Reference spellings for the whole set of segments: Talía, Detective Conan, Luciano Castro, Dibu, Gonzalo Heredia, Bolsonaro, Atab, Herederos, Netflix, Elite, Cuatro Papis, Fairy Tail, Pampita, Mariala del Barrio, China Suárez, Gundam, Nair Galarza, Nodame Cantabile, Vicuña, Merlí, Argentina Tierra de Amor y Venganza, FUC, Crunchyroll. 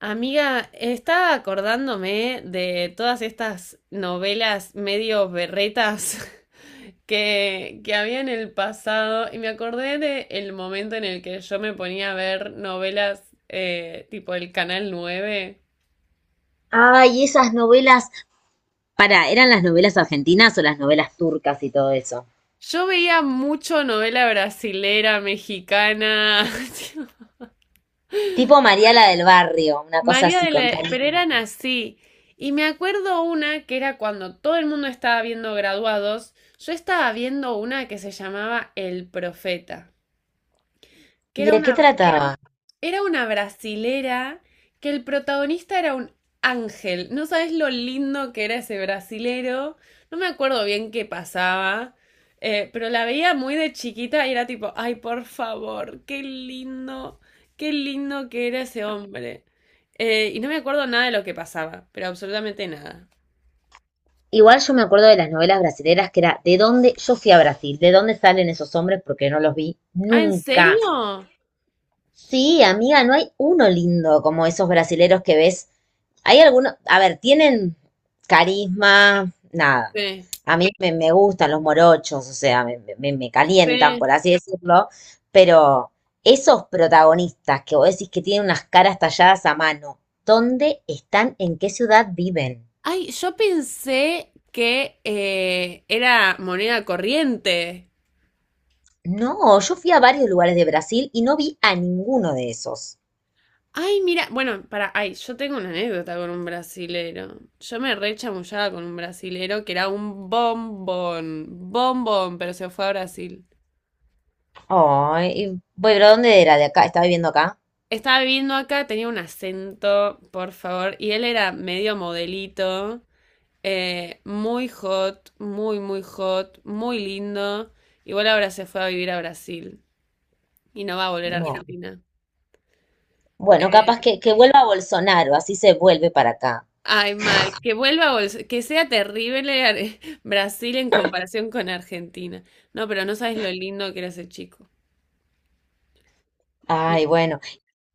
Amiga, estaba acordándome de todas estas novelas medio berretas que había en el pasado y me acordé de el momento en el que yo me ponía a ver novelas tipo el Canal nueve. Ay, esas novelas. Para, ¿eran las novelas argentinas o las novelas turcas y todo eso? Yo veía mucho novela brasilera, mexicana. Tipo Mariala del Barrio, una cosa María así de con la... Pero Talía. eran. Y me acuerdo una que era cuando todo el mundo estaba viendo graduados, yo estaba viendo una que se llamaba El Profeta, que ¿Y era de una, qué trataba? era una brasilera que el protagonista era un ángel. No sabes lo lindo que era ese brasilero. No me acuerdo bien qué pasaba. Pero la veía muy de chiquita y era tipo, ay, por favor, qué lindo que era ese hombre. Y no me acuerdo nada de lo que pasaba, pero absolutamente nada. Igual yo me acuerdo de las novelas brasileras que era de dónde yo fui a Brasil, de dónde salen esos hombres porque no los vi Ah, ¿en nunca. serio? Sí, amiga, no hay uno lindo como esos brasileros que ves. Hay algunos, a ver, tienen carisma, nada. Sí, A mí me gustan los morochos, o sea, me calientan, sí. por así decirlo, pero esos protagonistas que vos decís que tienen unas caras talladas a mano, ¿dónde están? ¿En qué ciudad viven? Ay, yo pensé que era moneda corriente. No, yo fui a varios lugares de Brasil y no vi a ninguno de esos. Ay, mira, bueno, para, ay, yo tengo una anécdota con un brasilero. Yo me re chamullaba con un brasilero que era un bombón, bombón, pero se fue a Brasil. Ay, y- bueno, pero ¿dónde era de acá? ¿Estaba viviendo acá? Estaba viviendo acá, tenía un acento, por favor, y él era medio modelito, muy hot, muy hot, muy lindo. Igual ahora se fue a vivir a Brasil y no va a volver a No. Argentina. Bueno, capaz que, vuelva a Bolsonaro, así se vuelve para acá. Ay, mal, que vuelva, Bols- que sea terrible Ar- Brasil en comparación con Argentina. No, pero no sabes lo lindo que era ese chico. Ay, Mi- bueno.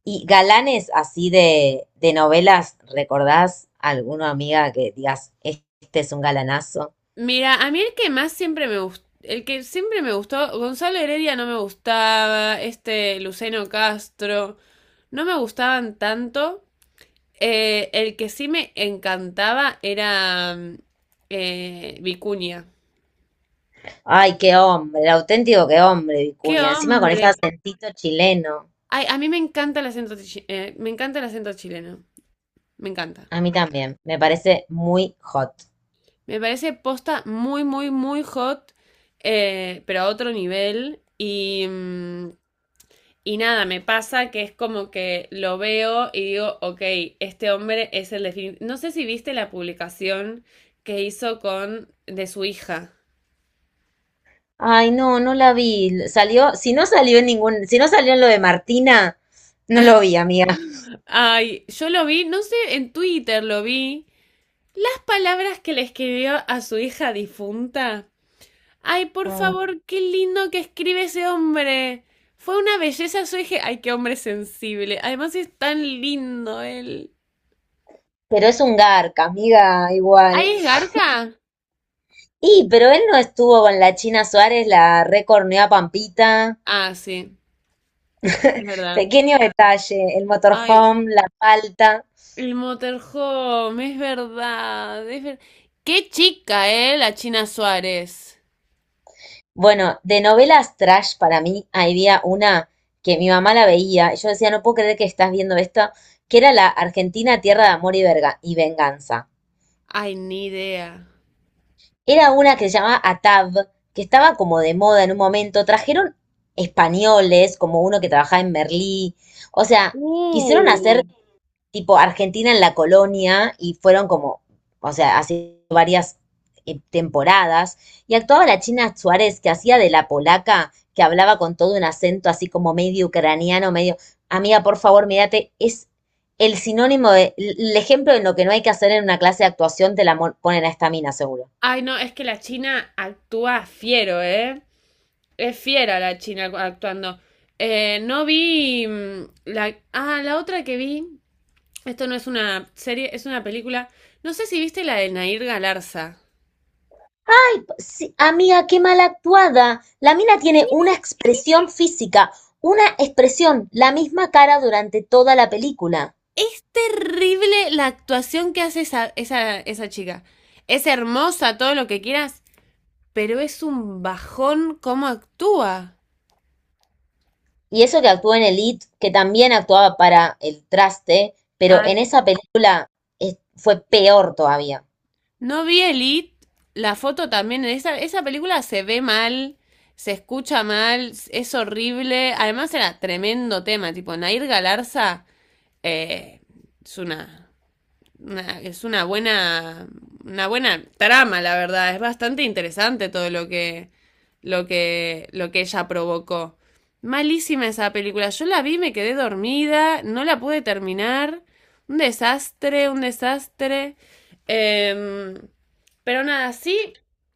Y galanes así de novelas, ¿recordás alguna amiga que digas, este es un galanazo? Mira, a mí el que más siempre me gustó, el que siempre me gustó, Gonzalo Heredia no me gustaba, este Luceno Castro, no me gustaban tanto. El que sí me encantaba era Vicuña. Ay, qué hombre, el auténtico qué hombre, ¡Qué Vicuña. Encima con ese hombre! acentito chileno. Ay, a mí me encanta el acento, chi- me encanta el acento chileno, me encanta. A mí también, me parece muy hot. Me parece posta muy hot, pero a otro nivel. Y, y nada, me pasa que es como que lo veo y digo, ok, este hombre es el definitivo. No sé si viste la publicación que hizo con de su hija. Ay, no, no la vi. Salió, si no salió en ningún, si no salió en lo de Martina, no lo vi, amiga. Ay, yo lo vi, no sé, en Twitter lo vi. Las palabras que le escribió a su hija difunta. Ay, por Mm. favor, qué lindo que escribe ese hombre. Fue una belleza, yo dije, ay, qué hombre sensible. Además es tan lindo él. Pero es un garca, amiga, igual. ¿Ay, es Garca? Y, pero él no estuvo con la China Suárez, la recorneó a Pampita. Ah, sí, es verdad. Pequeño detalle, el Ay, motorhome, la palta. el Motorhome, es verdad. Es ver- qué chica, la China Suárez. Bueno, de novelas trash para mí había una que mi mamá la veía y yo decía, no puedo creer que estás viendo esto, que era la Argentina Tierra de Amor y, Verga- y Venganza. Ay, ni idea. Era una que se llamaba Atab, que estaba como de moda en un momento. Trajeron españoles, como uno que trabajaba en Merlí. O sea, quisieron Uh. hacer tipo Argentina en la colonia y fueron como, o sea, hace varias temporadas y actuaba la China Suárez que hacía de la polaca que hablaba con todo un acento así como medio ucraniano, medio, amiga, por favor, mírate, es el sinónimo de, el ejemplo de lo que no hay que hacer en una clase de actuación, te la mon- ponen a esta mina, seguro. Ay, no, es que la China actúa fiero, ¿eh? Es fiera la China actuando. No vi la... Ah, la otra que vi. Esto no es una serie, es una película. No sé si viste la de Nair Galarza. Sí, amiga, qué mal actuada. La mina tiene una expresión física, una expresión, la misma cara durante toda la película. Es terrible la actuación que hace esa esa chica. Es hermosa, todo lo que quieras, pero es un bajón cómo actúa. Y eso que actuó en Elite, que también actuaba para el traste, pero Ah, en esa película es- fue peor todavía. no vi Elite, la foto también, esa película se ve mal, se escucha mal, es horrible. Además era tremendo tema, tipo Nair Galarza, eh, es una- es una buena trama, la verdad. Es bastante interesante todo lo que ella provocó. Malísima esa película. Yo la vi, me quedé dormida, no la pude terminar. Un desastre, un desastre. Em, pero nada, sí,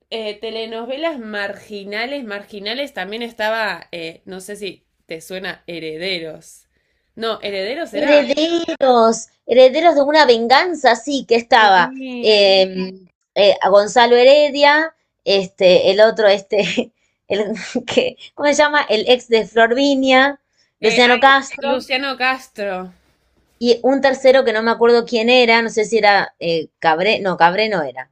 telenovelas marginales, marginales también estaba, no sé si te suena Herederos. No, Herederos era. Herederos, herederos de una venganza, sí, que estaba Sí. eh, a Gonzalo Heredia, este, el otro, este, el, que, ¿cómo se llama? El ex de Florvinia, Luciano Ay, Castro, Luciano Castro. y un tercero que no me acuerdo quién era, no sé si era Cabré no era.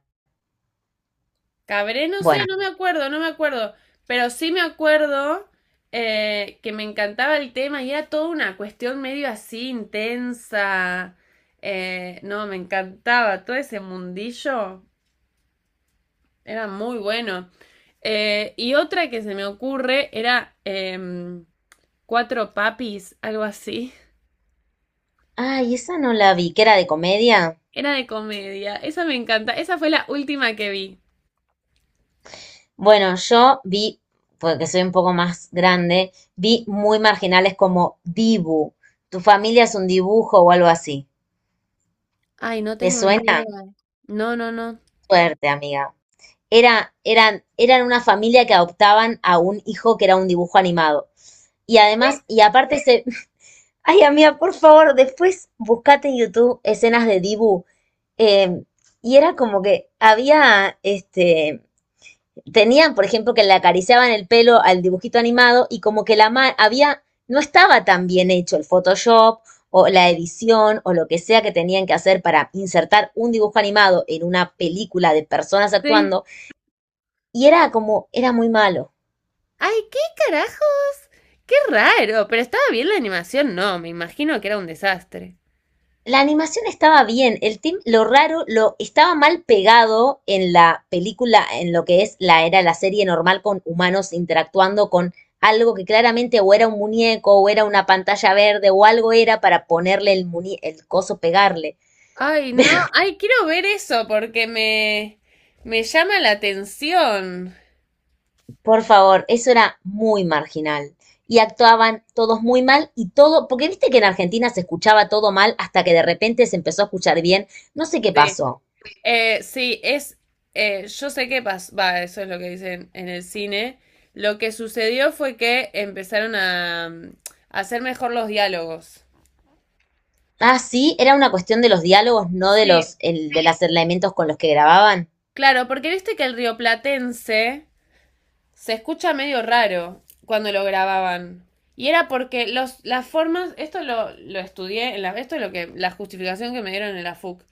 Cabré, no sé, Bueno, no me acuerdo, no me acuerdo. Pero sí me acuerdo que me encantaba el tema y era toda una cuestión medio así intensa. No, me encantaba. Todo ese mundillo era muy bueno. Y otra que se me ocurre era Cuatro Papis, algo así. ay, esa no la vi, que era de comedia. Era de comedia. Esa me encanta. Esa fue la última que vi. Bueno, yo vi, porque soy un poco más grande, vi muy marginales como Dibu. ¿Tu familia es un dibujo o algo así? Ay, no ¿Te tengo ni suena? idea. No, no, no. Suerte, amiga. Eran, eran una familia que adoptaban a un hijo que era un dibujo animado. Y además, y aparte se... Ay, amiga, por favor, después buscate en YouTube escenas de Dibu. Eh, y era como que había, este, tenían, por ejemplo, que le acariciaban el pelo al dibujito animado y como que la ma- había, no estaba tan bien hecho el Photoshop o la edición o lo que sea que tenían que hacer para insertar un dibujo animado en una película de personas Sí. actuando y era como, era muy malo. ¡Ay, qué carajos! ¡Qué raro! Pero estaba bien la animación, no, me imagino que era un desastre. La animación estaba bien, el team, lo raro, lo estaba mal pegado en la película, en lo que es la era la serie normal con humanos interactuando con algo que claramente o era un muñeco o era una pantalla verde o algo era para ponerle el muñe- el coso pegarle. Ay, no, ay, quiero ver eso porque me llama la atención. Por favor, eso era muy marginal. Y actuaban todos muy mal y todo, porque viste que en Argentina se escuchaba todo mal hasta que de repente se empezó a escuchar bien. No sé qué Sí, pasó. Sí, yo sé qué pasó, va, eso es lo que dicen en el cine. Lo que sucedió fue que empezaron a, a hacer mejor los diálogos. Ah, sí, era una cuestión de los diálogos, no de Sí, los, el- de los elementos con los que grababan. claro, porque viste que el rioplatense se escucha medio raro cuando lo grababan. Y era porque las formas, esto lo estudié, esto es lo que, la justificación que me dieron en la FUC,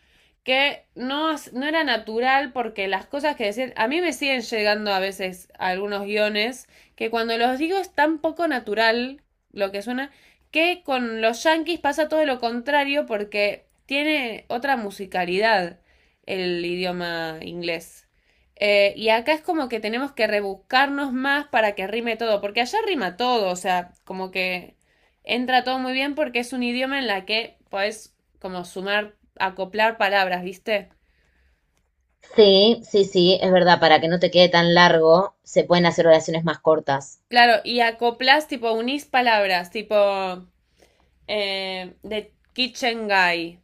que no, no era natural porque las cosas que decían, a mí me siguen llegando a veces a algunos guiones que cuando los digo es tan poco natural lo que suena, que con los yankees pasa todo lo contrario porque tiene otra musicalidad el idioma inglés. Y acá es como que tenemos que rebuscarnos más para que rime todo, porque allá rima todo, o sea, como que entra todo muy bien porque es un idioma en la que podés como sumar, acoplar palabras, ¿viste? Sí, sí, sí, es verdad, para que no te quede tan largo, se pueden hacer oraciones más cortas. Claro, y acoplas, tipo, unís palabras, tipo, the kitchen guy,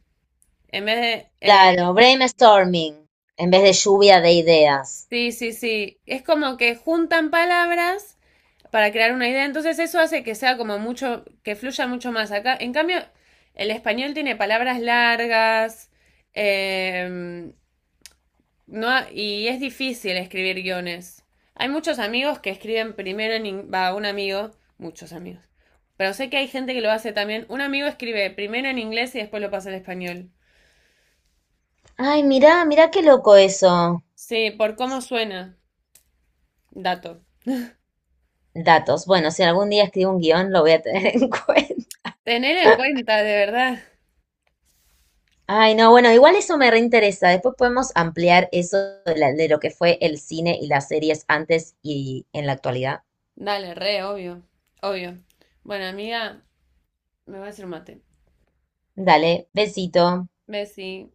en vez de... Claro, brainstorming, en vez de lluvia de ideas. sí, sí, sí, es como que juntan palabras para crear una idea. Entonces eso hace que sea como mucho, que fluya mucho más acá. En cambio, el español tiene palabras largas, eh, no, y es difícil escribir guiones. Hay muchos amigos que escriben primero en... Va, un amigo, muchos amigos. Pero sé que hay gente que lo hace también. Un amigo escribe primero en inglés y después lo pasa al español. Ay, mirá, mirá qué loco eso. Sí, por cómo suena. Dato. Datos. Bueno, si algún día escribo un guión, lo voy a tener en cuenta. Tener en cuenta, de verdad. Ay, no, bueno, igual eso me reinteresa. Después podemos ampliar eso de, la- de lo que fue el cine y las series antes y en la actualidad. Dale, re, obvio. Obvio. Bueno, amiga, me va a hacer un mate. Dale, besito. Bessie.